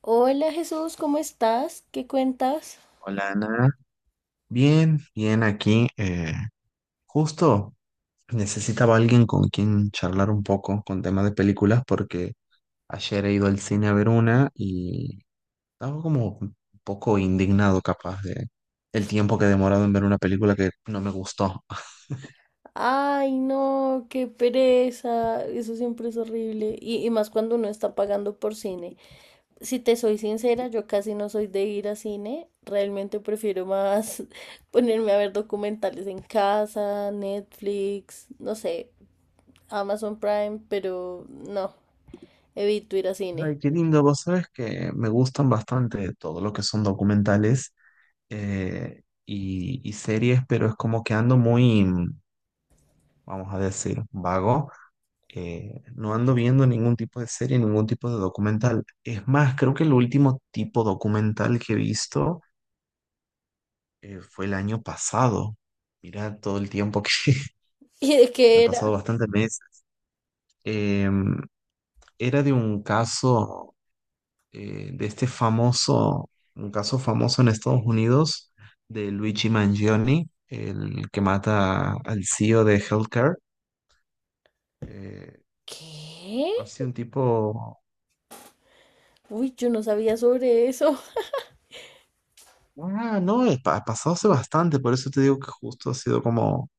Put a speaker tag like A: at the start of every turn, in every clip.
A: Hola Jesús, ¿cómo estás? ¿Qué cuentas?
B: Hola Ana, bien, bien aquí. Justo necesitaba alguien con quien charlar un poco con temas de películas porque ayer he ido al cine a ver una y estaba como un poco indignado capaz de el tiempo que he demorado en ver una película que no me gustó.
A: Ay, no, qué pereza. Eso siempre es horrible. Y más cuando uno está pagando por cine. Si te soy sincera, yo casi no soy de ir a cine. Realmente prefiero más ponerme a ver documentales en casa, Netflix, no sé, Amazon Prime, pero no, evito ir a cine.
B: Ay, qué lindo, vos sabes que me gustan bastante todo lo que son documentales, y series, pero es como que ando muy, vamos a decir, vago. No ando viendo ningún tipo de serie, ningún tipo de documental. Es más, creo que el último tipo documental que he visto, fue el año pasado. Mira todo el tiempo que
A: ¿Y de
B: han
A: qué era?
B: pasado bastantes meses. Eh, Era de un caso, de este famoso, un caso famoso en Estados Unidos, de Luigi Mangione, el que mata al CEO de Healthcare. Eh,
A: ¿Qué?
B: Ha sido un tipo.
A: Uy, yo no sabía sobre eso.
B: Ah, no, ha pasado hace bastante, por eso te digo que justo ha sido como,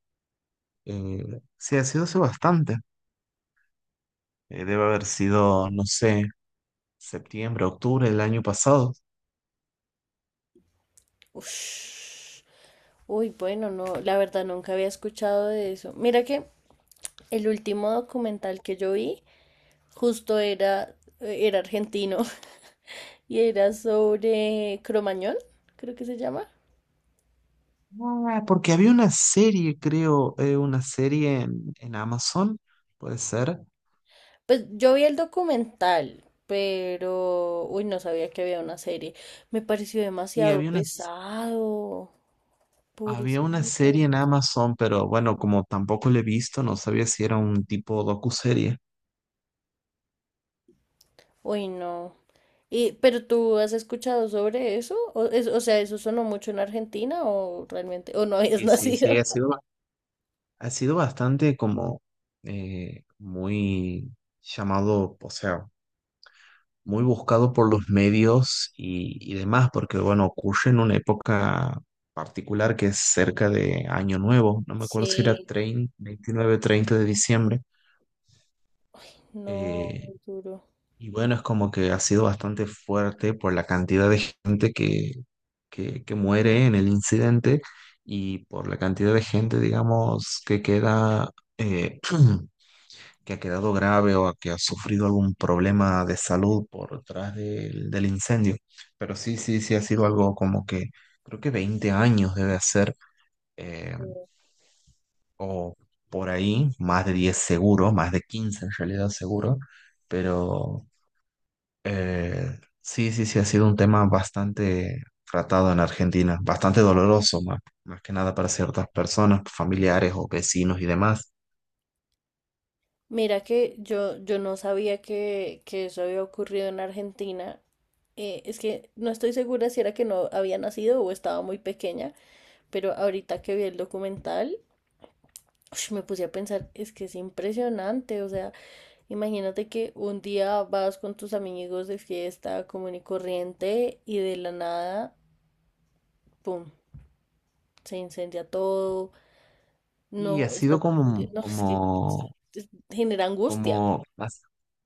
B: sí, ha sido hace bastante. Debe haber sido, no sé, septiembre, octubre del año pasado.
A: Ush. Uy, bueno, no, la verdad nunca había escuchado de eso. Mira que el último documental que yo vi justo era, era argentino y era sobre Cromañón, creo que se llama.
B: Ah, porque había una serie, creo, una serie en Amazon, puede ser.
A: Pues yo vi el documental, pero, uy, no sabía que había una serie. Me pareció
B: Sí,
A: demasiado
B: había una,
A: pesado,
B: había una
A: pobrecito.
B: serie en Amazon, pero bueno, como tampoco la he visto, no sabía si era un tipo docuserie.
A: Uy, no. Y, ¿pero tú has escuchado sobre eso? O, o sea, ¿eso sonó mucho en Argentina o realmente, o no habías
B: Y sí, sí,
A: nacido?
B: ha sido bastante como, muy llamado, o sea, muy buscado por los medios y demás, porque bueno, ocurre en una época particular que es cerca de Año Nuevo, no me acuerdo si era
A: Sí,
B: 30, 29, 30 de diciembre.
A: no,
B: eh,
A: muy duro.
B: y bueno, es como que ha sido bastante fuerte por la cantidad de gente que, que muere en el incidente y por la cantidad de gente, digamos, que queda... eh, que ha quedado grave o a que ha sufrido algún problema de salud por detrás del, del incendio. Pero sí, sí, sí ha sido algo como que creo que 20 años debe ser, eh, o por ahí, más de 10 seguro, más de 15 en realidad seguro, pero sí, sí, sí ha sido un tema bastante tratado en Argentina, bastante doloroso, más, más que nada para ciertas personas, familiares o vecinos y demás.
A: Mira que yo no sabía que eso había ocurrido en Argentina. Es que no estoy segura si era que no había nacido o estaba muy pequeña, pero ahorita que vi el documental, ush, me puse a pensar, es que es impresionante, o sea, imagínate que un día vas con tus amigos de fiesta común y corriente y de la nada, ¡pum!, se incendia todo,
B: Y ha
A: no
B: sido
A: estás confundido,
B: como,
A: no, es que es-
B: como.
A: genera angustia.
B: Como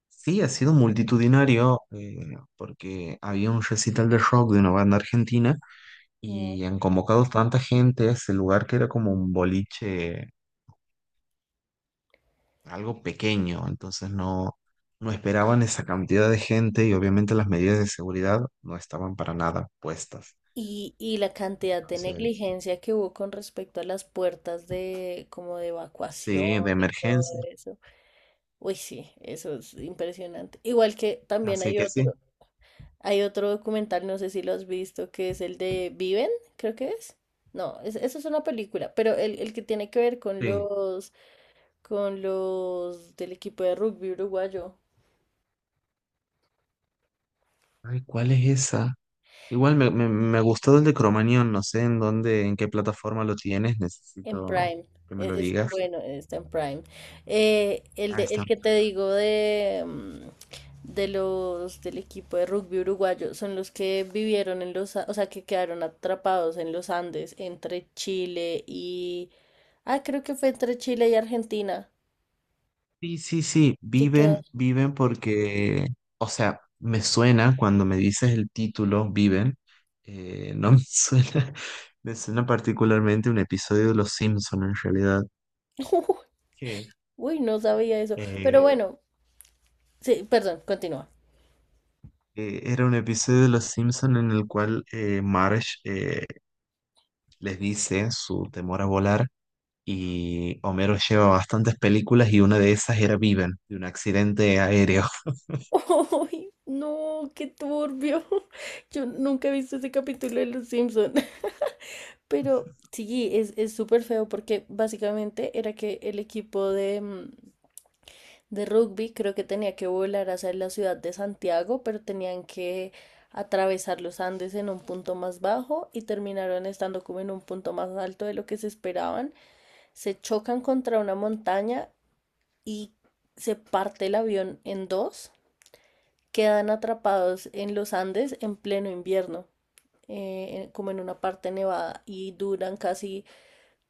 B: sí, ha sido multitudinario, porque había un recital de rock de una banda argentina
A: ¿No?
B: y han convocado tanta gente a ese lugar que era como un boliche, algo pequeño, entonces no, no esperaban esa cantidad de gente y obviamente las medidas de seguridad no estaban para nada puestas.
A: Y la cantidad de
B: Entonces,
A: negligencia que hubo con respecto a las puertas de como de evacuación
B: sí, de
A: y todo
B: emergencia.
A: eso. Uy, sí, eso es impresionante. Igual que también
B: Así
A: hay
B: que
A: otro.
B: sí,
A: Hay otro documental, no sé si lo has visto, que es el de Viven, creo que es. No, eso es una película, pero el que tiene que ver
B: sí.
A: con los del equipo de rugby uruguayo
B: Ay, ¿cuál es esa? Igual me gustó el de Cromanión, no sé en dónde, en qué plataforma lo tienes,
A: en
B: necesito
A: Prime.
B: que me lo
A: Ese es,
B: digas.
A: bueno, está en Prime. El
B: Ah,
A: de, el
B: está.
A: que te digo de, de los del equipo de rugby uruguayo son los que vivieron en los, o sea, que quedaron atrapados en los Andes entre Chile y, ah, creo que fue entre Chile y Argentina.
B: Sí, sí, sí,
A: Que
B: viven,
A: queda-
B: viven porque, o sea, me suena cuando me dices el título, viven, no me suena, me suena particularmente un episodio de Los Simpson en realidad. Qué
A: Uy, no sabía eso. Pero
B: eh,
A: bueno, sí, perdón, continúa.
B: era un episodio de Los Simpson en el cual Marge, les dice su temor a volar y Homero lleva bastantes películas y una de esas era Viven, de un accidente aéreo.
A: ¡Uy, no! ¡Qué turbio! Yo nunca he visto ese capítulo de Los Simpson. Pero sí, es súper feo porque básicamente era que el equipo de, de rugby creo que tenía que volar hacia la ciudad de Santiago, pero tenían que atravesar los Andes en un punto más bajo y terminaron estando como en un punto más alto de lo que se esperaban. Se chocan contra una montaña y se parte el avión en dos, quedan atrapados en los Andes en pleno invierno, como en una parte nevada, y duran casi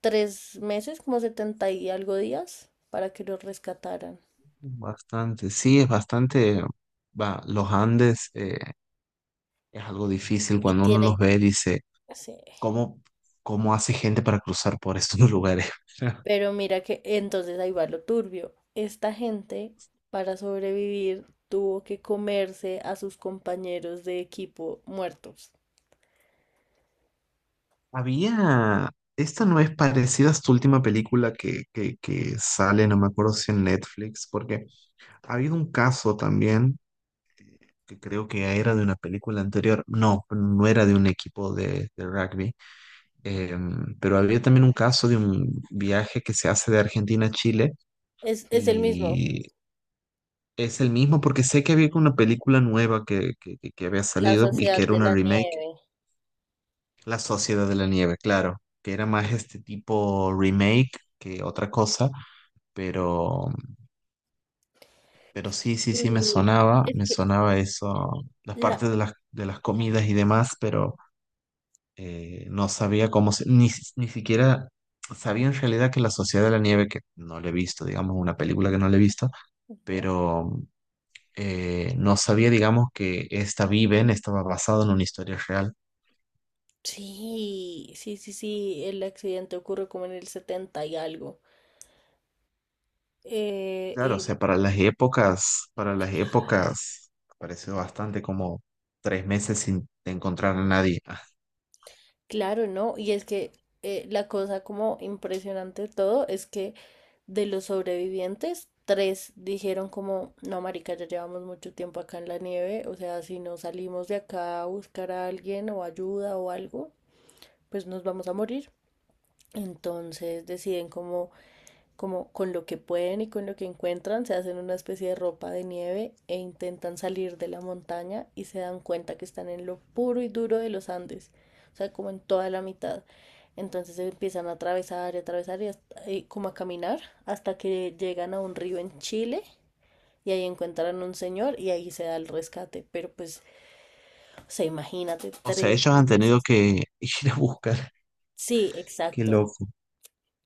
A: 3 meses, como 70 y algo días, para que los rescataran.
B: Bastante, sí, es bastante, va, los Andes, es algo difícil
A: Y
B: cuando uno
A: tienen,
B: los ve, dice,
A: sí,
B: ¿cómo, cómo hace gente para cruzar por estos lugares?
A: pero mira que entonces ahí va lo turbio. Esta gente, para sobrevivir, tuvo que comerse a sus compañeros de equipo muertos.
B: Había, esta no es parecida a tu última película que, que sale, no me acuerdo si en Netflix, porque ha habido un caso también, que creo que era de una película anterior, no, no era de un equipo de rugby. Eh, pero había también un caso de un viaje que se hace de Argentina a Chile
A: Es el mismo,
B: y es el mismo porque sé que había una película nueva que, que había
A: la
B: salido y que
A: sociedad
B: era
A: de
B: una
A: la
B: remake.
A: nieve.
B: La Sociedad de la Nieve, claro, que era más este tipo remake que otra cosa, pero, pero sí, sí, sí,
A: Y es
B: me
A: que
B: sonaba eso, las
A: la,
B: partes de las comidas y demás, pero... no sabía cómo se, ni, ni siquiera sabía en realidad que La Sociedad de la Nieve, que no la he visto, digamos, una película que no la he visto,
A: ujú,
B: pero no sabía, digamos, que esta Viven estaba basada en una historia real.
A: sí, sí, sí, sí, el accidente ocurre como en el 70 y algo. Eh,
B: Claro, o
A: y
B: sea, para las épocas, pareció bastante como tres meses sin encontrar a nadie.
A: claro, ¿no? Y es que la cosa como impresionante de todo es que de los sobrevivientes, tres dijeron como, no, marica, ya llevamos mucho tiempo acá en la nieve, o sea, si no salimos de acá a buscar a alguien o ayuda o algo, pues nos vamos a morir. Entonces deciden como con lo que pueden y con lo que encuentran, se hacen una especie de ropa de nieve e intentan salir de la montaña y se dan cuenta que están en lo puro y duro de los Andes, o sea, como en toda la mitad. Entonces empiezan a atravesar y atravesar y como a caminar hasta que llegan a un río en Chile y ahí encuentran un señor y ahí se da el rescate. Pero pues, o sea, imagínate
B: O sea,
A: tres
B: ellos han tenido
A: meses.
B: que ir a buscar.
A: Sí,
B: Qué
A: exacto.
B: loco,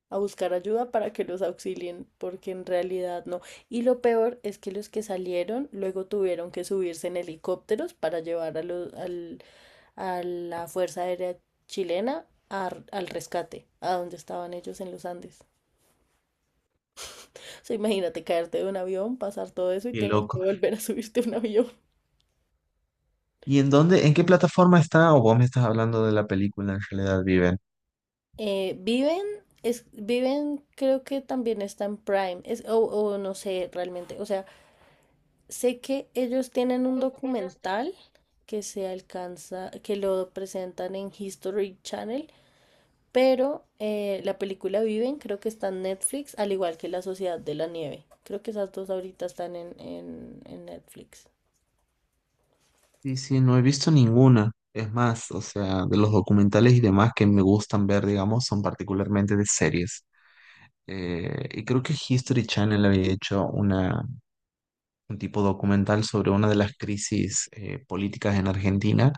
A: A buscar ayuda para que los auxilien, porque en realidad no. Y lo peor es que los que salieron luego tuvieron que subirse en helicópteros para llevar a, los, al, a la Fuerza Aérea Chilena al rescate, a donde estaban ellos en los Andes. O sea, imagínate caerte de un avión, pasar todo eso y
B: qué
A: tener
B: loco.
A: que volver a subirte a un avión.
B: ¿Y en dónde, en qué plataforma está? O vos me estás hablando de la película en realidad, Viven.
A: Viven, es, viven, creo que también está en Prime, es, o no sé realmente, o sea. Sé que ellos tienen un documental que se alcanza, que lo presentan en History Channel, pero la película Viven creo que está en Netflix, al igual que La Sociedad de la Nieve. Creo que esas dos ahorita están en Netflix.
B: Sí, sí, no he visto ninguna. Es más, o sea, de los documentales y demás que me gustan ver, digamos, son particularmente de series. Y creo que History Channel había hecho una, un tipo documental sobre una de las crisis políticas en Argentina.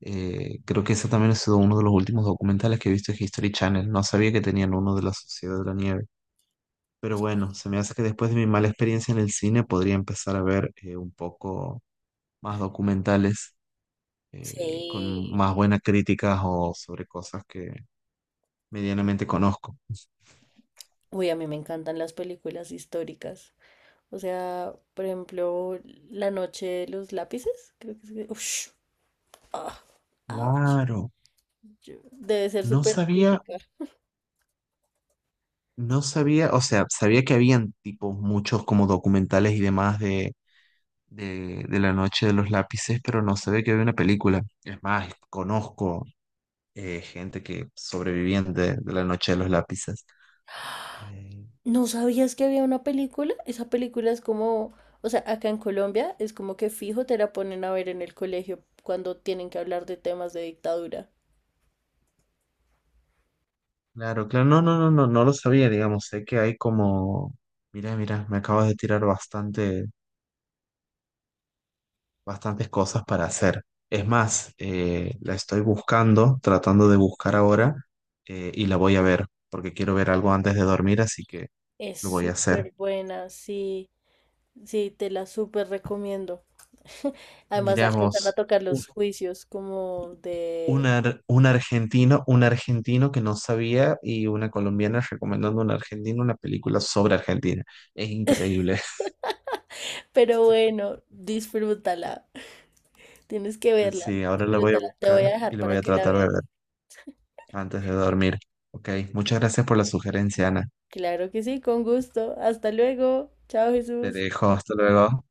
B: Creo que ese también ha sido uno de los últimos documentales que he visto en History Channel. No sabía que tenían uno de la Sociedad de la Nieve. Pero bueno,
A: Sí.
B: se me hace que después de mi mala experiencia en el cine podría empezar a ver, un poco más documentales. Con
A: Sí.
B: más buenas críticas o sobre cosas que medianamente conozco.
A: Uy, a mí me encantan las películas históricas. O sea, por ejemplo, La Noche de los Lápices, creo que es. Ush, ah, ouch.
B: Claro,
A: Yo- debe ser
B: no
A: súper
B: sabía,
A: típica.
B: no sabía, o sea, sabía que habían tipos muchos como documentales y demás de la noche de los lápices, pero no sabía que había una película. Es más, conozco gente que sobrevivían de la noche de los lápices. Eh,
A: ¿No sabías que había una película? Esa película es como, o sea, acá en Colombia es como que fijo te la ponen a ver en el colegio cuando tienen que hablar de temas de dictadura.
B: claro, claro, no, no, no, no, no lo sabía, digamos, sé que hay como, mira, mira, me acabas de tirar bastantes cosas para hacer. Es más, la estoy buscando, tratando de buscar ahora, y la voy a ver porque quiero ver algo antes de dormir, así que
A: Es
B: lo voy a hacer.
A: súper buena, sí, sí, te la súper recomiendo. Además alcanzan a
B: Miramos
A: tocar los juicios como
B: un,
A: de...
B: un argentino que no sabía y una colombiana recomendando a un argentino una película sobre Argentina. Es increíble.
A: Pero bueno, disfrútala, tienes que
B: Pues
A: verla,
B: sí, ahora la voy a
A: disfrútala. Te
B: buscar
A: voy a
B: y
A: dejar
B: la voy
A: para
B: a
A: que la
B: tratar de
A: veas.
B: ver antes de dormir. Ok, muchas gracias por la sugerencia, Ana.
A: Claro que sí, con gusto. Hasta luego. Chao,
B: Te
A: Jesús.
B: dejo, hasta luego.